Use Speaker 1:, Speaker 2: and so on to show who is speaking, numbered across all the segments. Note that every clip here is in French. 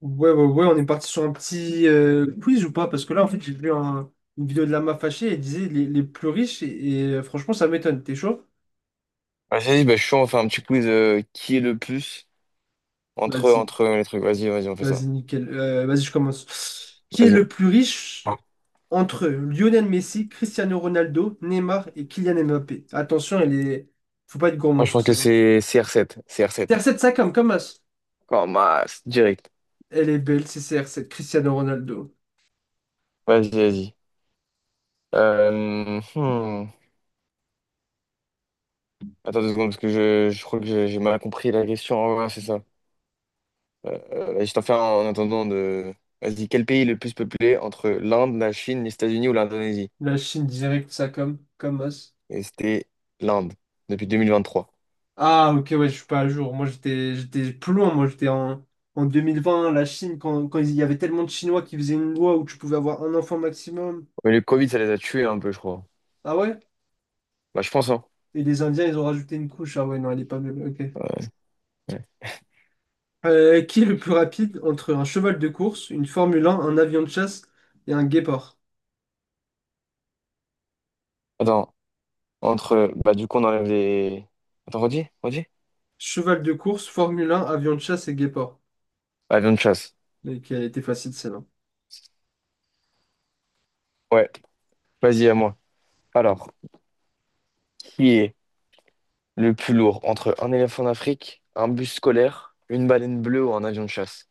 Speaker 1: Ouais, ouais, ouais, on est parti sur un petit quiz ou pas? Parce que là, en fait, une vidéo de Lama Fâché et elle disait les plus riches et franchement, ça m'étonne. T'es chaud?
Speaker 2: Ah, vas-y, bah, je suis chaud, on fait un petit quiz qui est le plus entre,
Speaker 1: Vas-y,
Speaker 2: entre les trucs. Vas-y, vas-y, on fait
Speaker 1: vas-y,
Speaker 2: ça.
Speaker 1: nickel. Vas-y, je commence. Qui est
Speaker 2: Vas-y.
Speaker 1: le plus riche
Speaker 2: Ah.
Speaker 1: entre Lionel Messi, Cristiano Ronaldo, Neymar et Kylian Mbappé? Attention, elle est. Faut pas être
Speaker 2: Moi,
Speaker 1: gourmand
Speaker 2: je
Speaker 1: sur
Speaker 2: pense que
Speaker 1: celle-là.
Speaker 2: c'est CR7. R 7
Speaker 1: CR7 Sakam, comme as.
Speaker 2: Oh, masse, direct.
Speaker 1: Elle est belle, c'est CR7, Cristiano Ronaldo.
Speaker 2: Vas-y, vas-y. Hmm. Attends 2 secondes, parce que je crois que j'ai mal compris la question. Ah ouais, c'est ça. Je t'en fais un en attendant de. Vas-y, quel pays est le plus peuplé entre l'Inde, la Chine, les États-Unis ou l'Indonésie?
Speaker 1: La Chine direct, Sakam, comme as.
Speaker 2: Et c'était l'Inde, depuis 2023.
Speaker 1: Ah, ok, ouais, je suis pas à jour. Moi, j'étais plus loin. Moi, j'étais en 2020 la Chine, quand il y avait tellement de Chinois qui faisaient une loi où tu pouvais avoir un enfant maximum.
Speaker 2: Mais le Covid, ça les a tués un peu, je crois.
Speaker 1: Ah ouais?
Speaker 2: Bah, je pense, hein.
Speaker 1: Et les Indiens, ils ont rajouté une couche. Ah ouais, non, elle est pas belle. Ok.
Speaker 2: Euh, Ouais.
Speaker 1: Qui est le plus rapide entre un cheval de course, une Formule un avion de chasse et un guépard?
Speaker 2: Attends. Entre, bah, du coup, on enlève les. Attends, redis, redis.
Speaker 1: Cheval de course, Formule 1 avion de chasse et guépard.
Speaker 2: Avion de chasse.
Speaker 1: Mais qui a été facile, celle-là.
Speaker 2: Ouais, vas-y, à moi. Alors, qui est le plus lourd entre un éléphant d'Afrique, un bus scolaire, une baleine bleue ou un avion de chasse?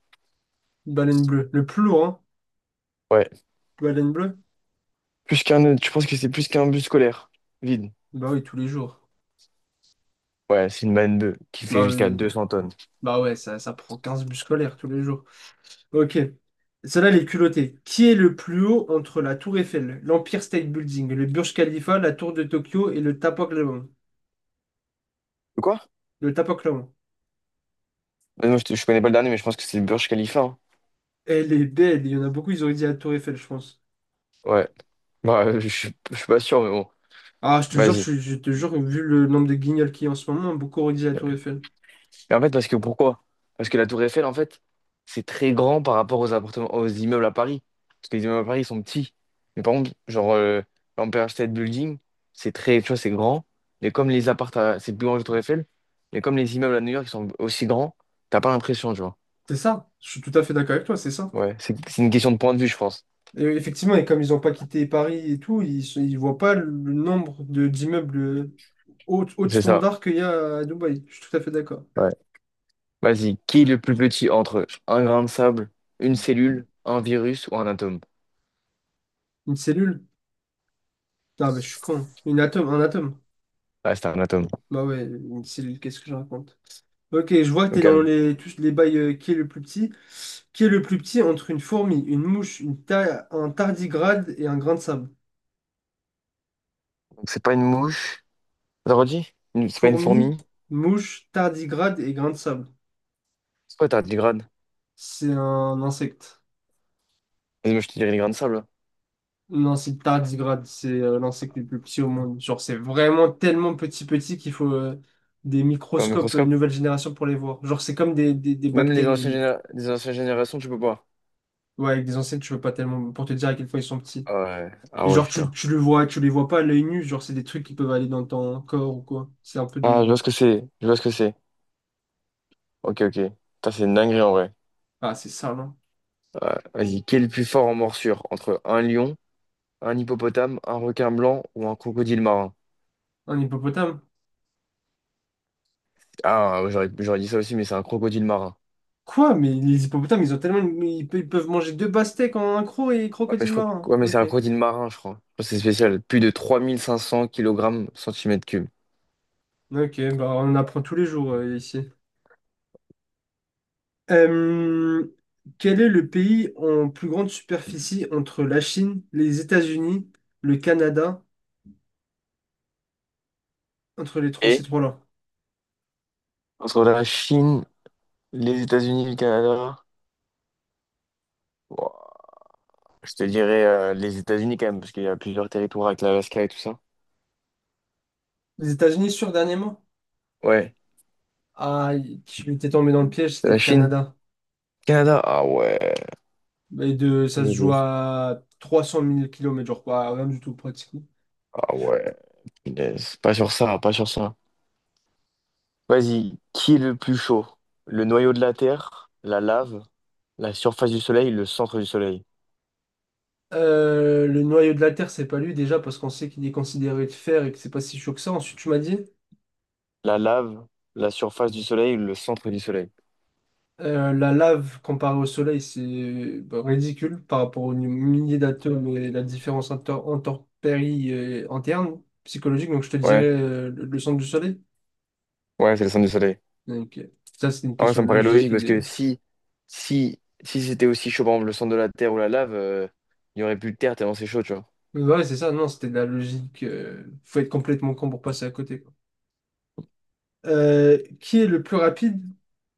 Speaker 1: Baleine bleue. Le plus lourd, hein.
Speaker 2: Ouais.
Speaker 1: Ouais, laine bleue?
Speaker 2: Plus qu'un. Tu penses que c'est plus qu'un bus scolaire? Vide.
Speaker 1: Bah oui, tous les jours.
Speaker 2: Ouais, c'est une baleine bleue qui fait
Speaker 1: Bah
Speaker 2: jusqu'à
Speaker 1: oui.
Speaker 2: 200 tonnes.
Speaker 1: Bah ouais, ça prend 15 bus scolaires tous les jours. Ok. Celle-là, elle est culottée. Qui est le plus haut entre la Tour Eiffel, l'Empire State Building, le Burj Khalifa, la Tour de Tokyo et le Tapoklavon?
Speaker 2: De quoi?
Speaker 1: Le Tapoklavon.
Speaker 2: Bah, moi, je connais pas le dernier, mais je pense que c'est le Burj Khalifa, hein.
Speaker 1: Elle est belle. Il y en a beaucoup, ils auraient dit la Tour Eiffel, je pense.
Speaker 2: Ouais. Bah, je suis pas sûr, mais bon.
Speaker 1: Ah, je te jure,
Speaker 2: Vas-y.
Speaker 1: je te jure, vu le nombre de guignols qu'il y a en ce moment, beaucoup auraient dit la Tour Eiffel.
Speaker 2: Mais en fait, parce que pourquoi? Parce que la Tour Eiffel, en fait, c'est très grand par rapport aux appartements, aux immeubles à Paris. Parce que les immeubles à Paris, ils sont petits. Mais par contre, genre, l'Empire State Building, c'est très, tu vois, c'est grand. Mais comme les appartements, c'est plus grand que la Tour Eiffel. Mais comme les immeubles à New York, ils sont aussi grands, t'as pas l'impression, tu vois.
Speaker 1: C'est ça. Je suis tout à fait d'accord avec toi, c'est ça.
Speaker 2: Ouais, c'est une question de point de vue, je pense.
Speaker 1: Et effectivement, et comme ils n'ont pas quitté Paris et tout, ils voient pas le nombre de d'immeubles haut de
Speaker 2: C'est ça.
Speaker 1: standard qu'il y a à Dubaï. Je suis tout à fait d'accord.
Speaker 2: Ouais. Vas-y, qui est le plus petit entre un grain de sable, une cellule, un virus ou un atome?
Speaker 1: Une cellule? Ah, mais je suis con. Une atome, un atome.
Speaker 2: Ouais, c'est un atome.
Speaker 1: Bah ouais, une cellule, qu'est-ce que je raconte? Ok, je vois que
Speaker 2: Donc,
Speaker 1: t'es dans
Speaker 2: calme.
Speaker 1: tous les bails, qui est le plus petit. Qui est le plus petit entre une fourmi, une mouche, un tardigrade et un grain de sable?
Speaker 2: Donc, c'est pas une mouche. T'as redit? C'est pas une
Speaker 1: Fourmi,
Speaker 2: fourmi?
Speaker 1: mouche, tardigrade et grain de sable.
Speaker 2: C'est quoi, t'as 10 grades?
Speaker 1: C'est un insecte.
Speaker 2: Vas-y, moi, je te dirais les grains de sable.
Speaker 1: Non, c'est tardigrade, c'est l'insecte le plus petit au monde. Genre, c'est vraiment tellement petit petit qu'il faut, des
Speaker 2: Au
Speaker 1: microscopes
Speaker 2: microscope.
Speaker 1: nouvelle génération pour les voir. Genre, c'est comme des
Speaker 2: Même les
Speaker 1: bactéries
Speaker 2: anciennes,
Speaker 1: limite.
Speaker 2: généra- les anciennes générations, tu peux pas.
Speaker 1: Ouais, avec des insectes, tu peux pas tellement pour te dire à quel point ils sont petits.
Speaker 2: Ah ouais. Ah
Speaker 1: Et
Speaker 2: ouais,
Speaker 1: genre,
Speaker 2: putain.
Speaker 1: tu les vois pas à l'œil nu, genre, c'est des trucs qui peuvent aller dans ton corps ou quoi. C'est un peu
Speaker 2: Ah,
Speaker 1: des.
Speaker 2: je vois ce que c'est. Je vois ce que c'est. Ok, ok. Putain, c'est une dinguerie en vrai.
Speaker 1: Ah, c'est ça, non?
Speaker 2: Ouais, vas-y, qui est le plus fort en morsure? Entre un lion, un hippopotame, un requin blanc ou un crocodile marin?
Speaker 1: Un hippopotame?
Speaker 2: Ah, ouais, j'aurais dit ça aussi, mais c'est un crocodile marin.
Speaker 1: Quoi? Mais les hippopotames, ils ont tellement. Mais ils peuvent manger deux pastèques en un croc et
Speaker 2: Ouais, mais
Speaker 1: crocodile marin.
Speaker 2: ouais, mais c'est
Speaker 1: Ok.
Speaker 2: un crocodile marin, je crois. Je crois que c'est spécial. Plus de 3 500 kilogrammes cm cube.
Speaker 1: Ok, bah on apprend tous les jours, ici. Euh, Quel est le pays en plus grande superficie entre la Chine, les États-Unis, le Canada, entre les trois, ces
Speaker 2: Et
Speaker 1: trois-là?
Speaker 2: entre la Chine, les États-Unis, le Canada. Je te dirais les États-Unis quand même, parce qu'il y a plusieurs territoires avec l'Alaska et tout ça.
Speaker 1: Les États-Unis sur dernièrement?
Speaker 2: Ouais.
Speaker 1: Ah, je m'étais tombé dans le piège, c'était
Speaker 2: La
Speaker 1: le
Speaker 2: Chine,
Speaker 1: Canada.
Speaker 2: Canada. Ah ouais.
Speaker 1: Ça se
Speaker 2: Et
Speaker 1: joue
Speaker 2: les-
Speaker 1: à 300 000 km, genre quoi, rien du tout pratique.
Speaker 2: Ah ouais. Les- Pas sur ça, pas sur ça. Vas-y, qui est le plus chaud? Le noyau de la Terre, la lave, la surface du Soleil, le centre du Soleil.
Speaker 1: Le noyau de la Terre, c'est pas lui déjà parce qu'on sait qu'il est considéré de fer et que c'est pas si chaud que ça. Ensuite, tu m'as dit,
Speaker 2: La lave, la surface du Soleil, le centre du Soleil.
Speaker 1: la lave comparée au Soleil, c'est bah, ridicule par rapport aux milliers d'atomes et la différence intempérie et interne psychologique. Donc, je te dirais,
Speaker 2: Ouais,
Speaker 1: le centre du Soleil.
Speaker 2: ouais, c'est le centre du Soleil.
Speaker 1: Donc, ça, c'est une
Speaker 2: Ah ouais,
Speaker 1: question
Speaker 2: ça me
Speaker 1: de
Speaker 2: paraît logique
Speaker 1: logique.
Speaker 2: parce que si c'était aussi chaud, par exemple, le centre de la Terre ou la lave, il n'y aurait plus de Terre tellement c'est chaud, tu vois.
Speaker 1: Mais ouais, c'est ça. Non, c'était de la logique. Faut être complètement con pour passer à côté. Qui est le plus rapide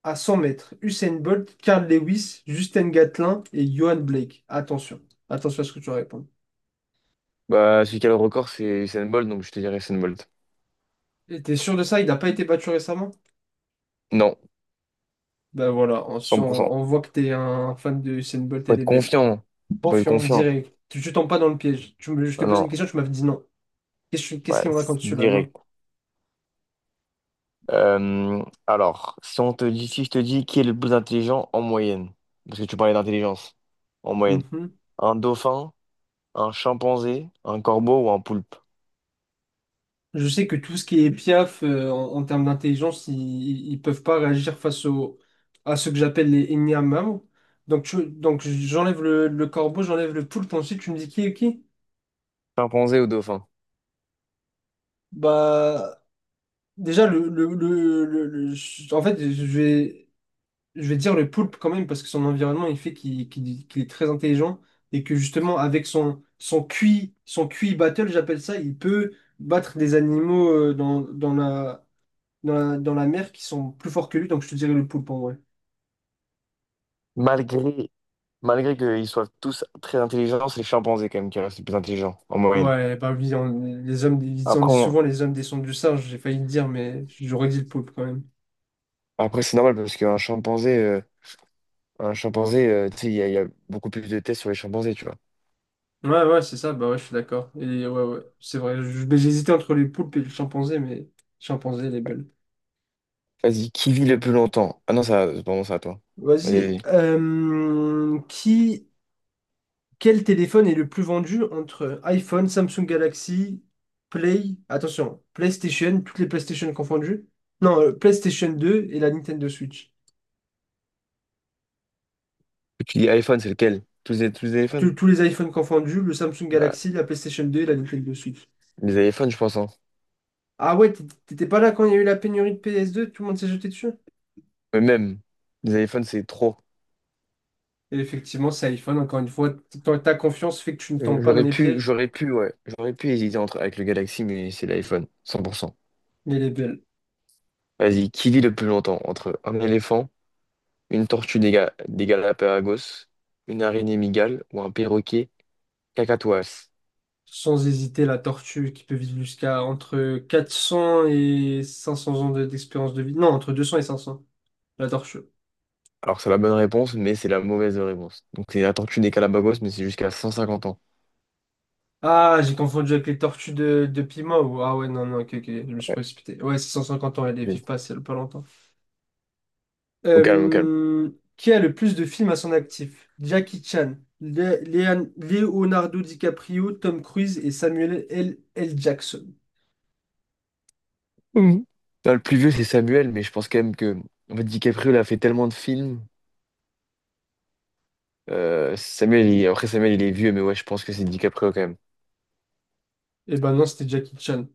Speaker 1: à 100 mètres? Usain Bolt, Carl Lewis, Justin Gatlin et Johan Blake. Attention, attention à ce que tu vas répondre.
Speaker 2: Bah, celui qui a le record, c'est Usain Bolt, donc je te dirais Usain Bolt.
Speaker 1: Et t'es sûr de ça? Il n'a pas été battu récemment?
Speaker 2: Non,
Speaker 1: Ben voilà, on, si
Speaker 2: 100%.
Speaker 1: on- on voit que t'es un fan de Usain Bolt,
Speaker 2: Faut
Speaker 1: elle
Speaker 2: être
Speaker 1: est belle.
Speaker 2: confiant. Faut être
Speaker 1: Confiant,
Speaker 2: confiant.
Speaker 1: direct. Tu tombes pas dans le piège. Je t'ai
Speaker 2: Ah
Speaker 1: posé
Speaker 2: non,
Speaker 1: une question, tu m'avais dit non. Qu'est-ce
Speaker 2: ouais,
Speaker 1: qu'il me
Speaker 2: c'est
Speaker 1: raconte celui-là?
Speaker 2: direct.
Speaker 1: Non.
Speaker 2: Alors, si on te dit, si je te dis qui est le plus intelligent en moyenne, parce que tu parlais d'intelligence, en moyenne,
Speaker 1: Mhm.
Speaker 2: un dauphin, un chimpanzé, un corbeau ou un poulpe?
Speaker 1: Je sais que tout ce qui est Piaf, en termes d'intelligence, ils peuvent pas réagir face à ce que j'appelle les Nyamam. Donc, j'enlève le corbeau, j'enlève le poulpe, ensuite tu me dis qui est qui?
Speaker 2: Chimpanzé ou dauphin?
Speaker 1: Bah, déjà, en fait, je vais dire le poulpe quand même, parce que son environnement, il fait qu'il est très intelligent, et que justement, avec son QI, son QI battle, j'appelle ça, il peut battre des animaux, dans la mer qui sont plus forts que lui, donc je te dirais le poulpe en vrai.
Speaker 2: Malgré, malgré qu'ils soient tous très intelligents, c'est le chimpanzé quand même qui reste le plus intelligent en moyenne.
Speaker 1: Ouais, bah oui, les hommes, ils en
Speaker 2: Après,
Speaker 1: disent
Speaker 2: on-
Speaker 1: souvent les hommes descendent du singe, j'ai failli le dire, mais j'aurais dit le poulpe quand même.
Speaker 2: après, c'est normal parce qu'un chimpanzé, un chimpanzé, tu sais, il y a beaucoup plus de tests sur les chimpanzés, tu vois.
Speaker 1: Ouais, ouais, c'est ça, bah ouais, je suis d'accord. Et ouais, ouais, c'est vrai, mais j'hésitais entre les poulpes et le chimpanzé, mais le chimpanzé, il est belle.
Speaker 2: Vas-y, qui vit le plus longtemps? Ah non, ça, pardon, c'est à toi. Vas-y,
Speaker 1: Vas-y,
Speaker 2: vas-y.
Speaker 1: quel téléphone est le plus vendu entre iPhone, Samsung Galaxy, attention, PlayStation, toutes les PlayStation confondues? Non, PlayStation 2 et la Nintendo Switch.
Speaker 2: Tu dis iPhone, c'est lequel? Tous les iPhones?
Speaker 1: Tous les iPhones confondus, le Samsung
Speaker 2: Bah,
Speaker 1: Galaxy, la PlayStation 2 et la Nintendo Switch.
Speaker 2: les iPhones, je pense, hein.
Speaker 1: Ah ouais, t'étais pas là quand il y a eu la pénurie de PS2, tout le monde s'est jeté dessus.
Speaker 2: Mais même, les iPhones, c'est trop.
Speaker 1: Et effectivement, c'est iPhone, encore une fois, ta confiance fait que tu ne
Speaker 2: Euh,
Speaker 1: tombes pas dans
Speaker 2: J'aurais
Speaker 1: les
Speaker 2: pu,
Speaker 1: pièges,
Speaker 2: j'aurais pu, ouais, j'aurais pu hésiter entre, avec le Galaxy, mais c'est l'iPhone, 100%.
Speaker 1: mais elle est belle.
Speaker 2: Vas-y, qui vit le plus longtemps? Entre un éléphant, une tortue des Galapagos, une araignée mygale ou un perroquet cacatoès?
Speaker 1: Sans hésiter, la tortue qui peut vivre jusqu'à entre 400 et 500 ans d'expérience de vie. Non, entre 200 et 500, la tortue.
Speaker 2: Alors c'est la bonne réponse, mais c'est la mauvaise réponse. Donc c'est la tortue des Galapagos, mais c'est jusqu'à 150 ans.
Speaker 1: Ah, j'ai confondu avec les tortues de Pima ou... Ah ouais, non, non, ok, ok, je me suis
Speaker 2: Ouais.
Speaker 1: précipité. Ouais, c'est 150 ans, elles ne
Speaker 2: Bien.
Speaker 1: vivent pas, c'est pas longtemps.
Speaker 2: Au calme, au calme.
Speaker 1: Euh, qui a le plus de films à son actif? Jackie Chan, Leonardo DiCaprio, Tom Cruise et Samuel L. Jackson.
Speaker 2: Mhm. Ah, le plus vieux, c'est Samuel, mais je pense quand même que en fait, DiCaprio, il a fait tellement de films. Samuel, après Samuel, il est vieux, mais ouais, je pense que c'est DiCaprio quand même.
Speaker 1: Eh ben non, c'était Jackie Chan.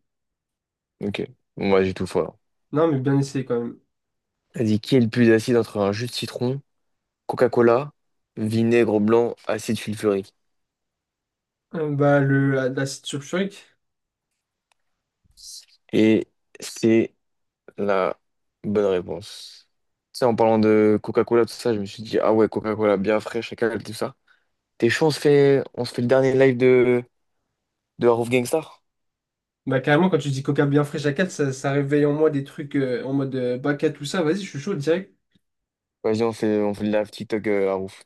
Speaker 2: Ok, moi j'ai tout faux alors.
Speaker 1: Non, mais bien essayé quand même.
Speaker 2: Elle dit, qui est le plus acide entre un jus de citron, Coca-Cola, vinaigre blanc, acide sulfurique?
Speaker 1: Bah, le, la la sulfurique.
Speaker 2: Et c'est la bonne réponse. Tu sais, en parlant de Coca-Cola, tout ça, je me suis dit, ah ouais, Coca-Cola bien fraîche et calme, tout ça. T'es chaud, on se fait le dernier live de Roof Gangstar?
Speaker 1: Bah, carrément, quand tu dis coca bien frais à 4, ça réveille en moi des trucs, en mode, Baka, tout ça. Vas-y, je suis chaud direct.
Speaker 2: Vas-y, on fait le live TikTok à Roof.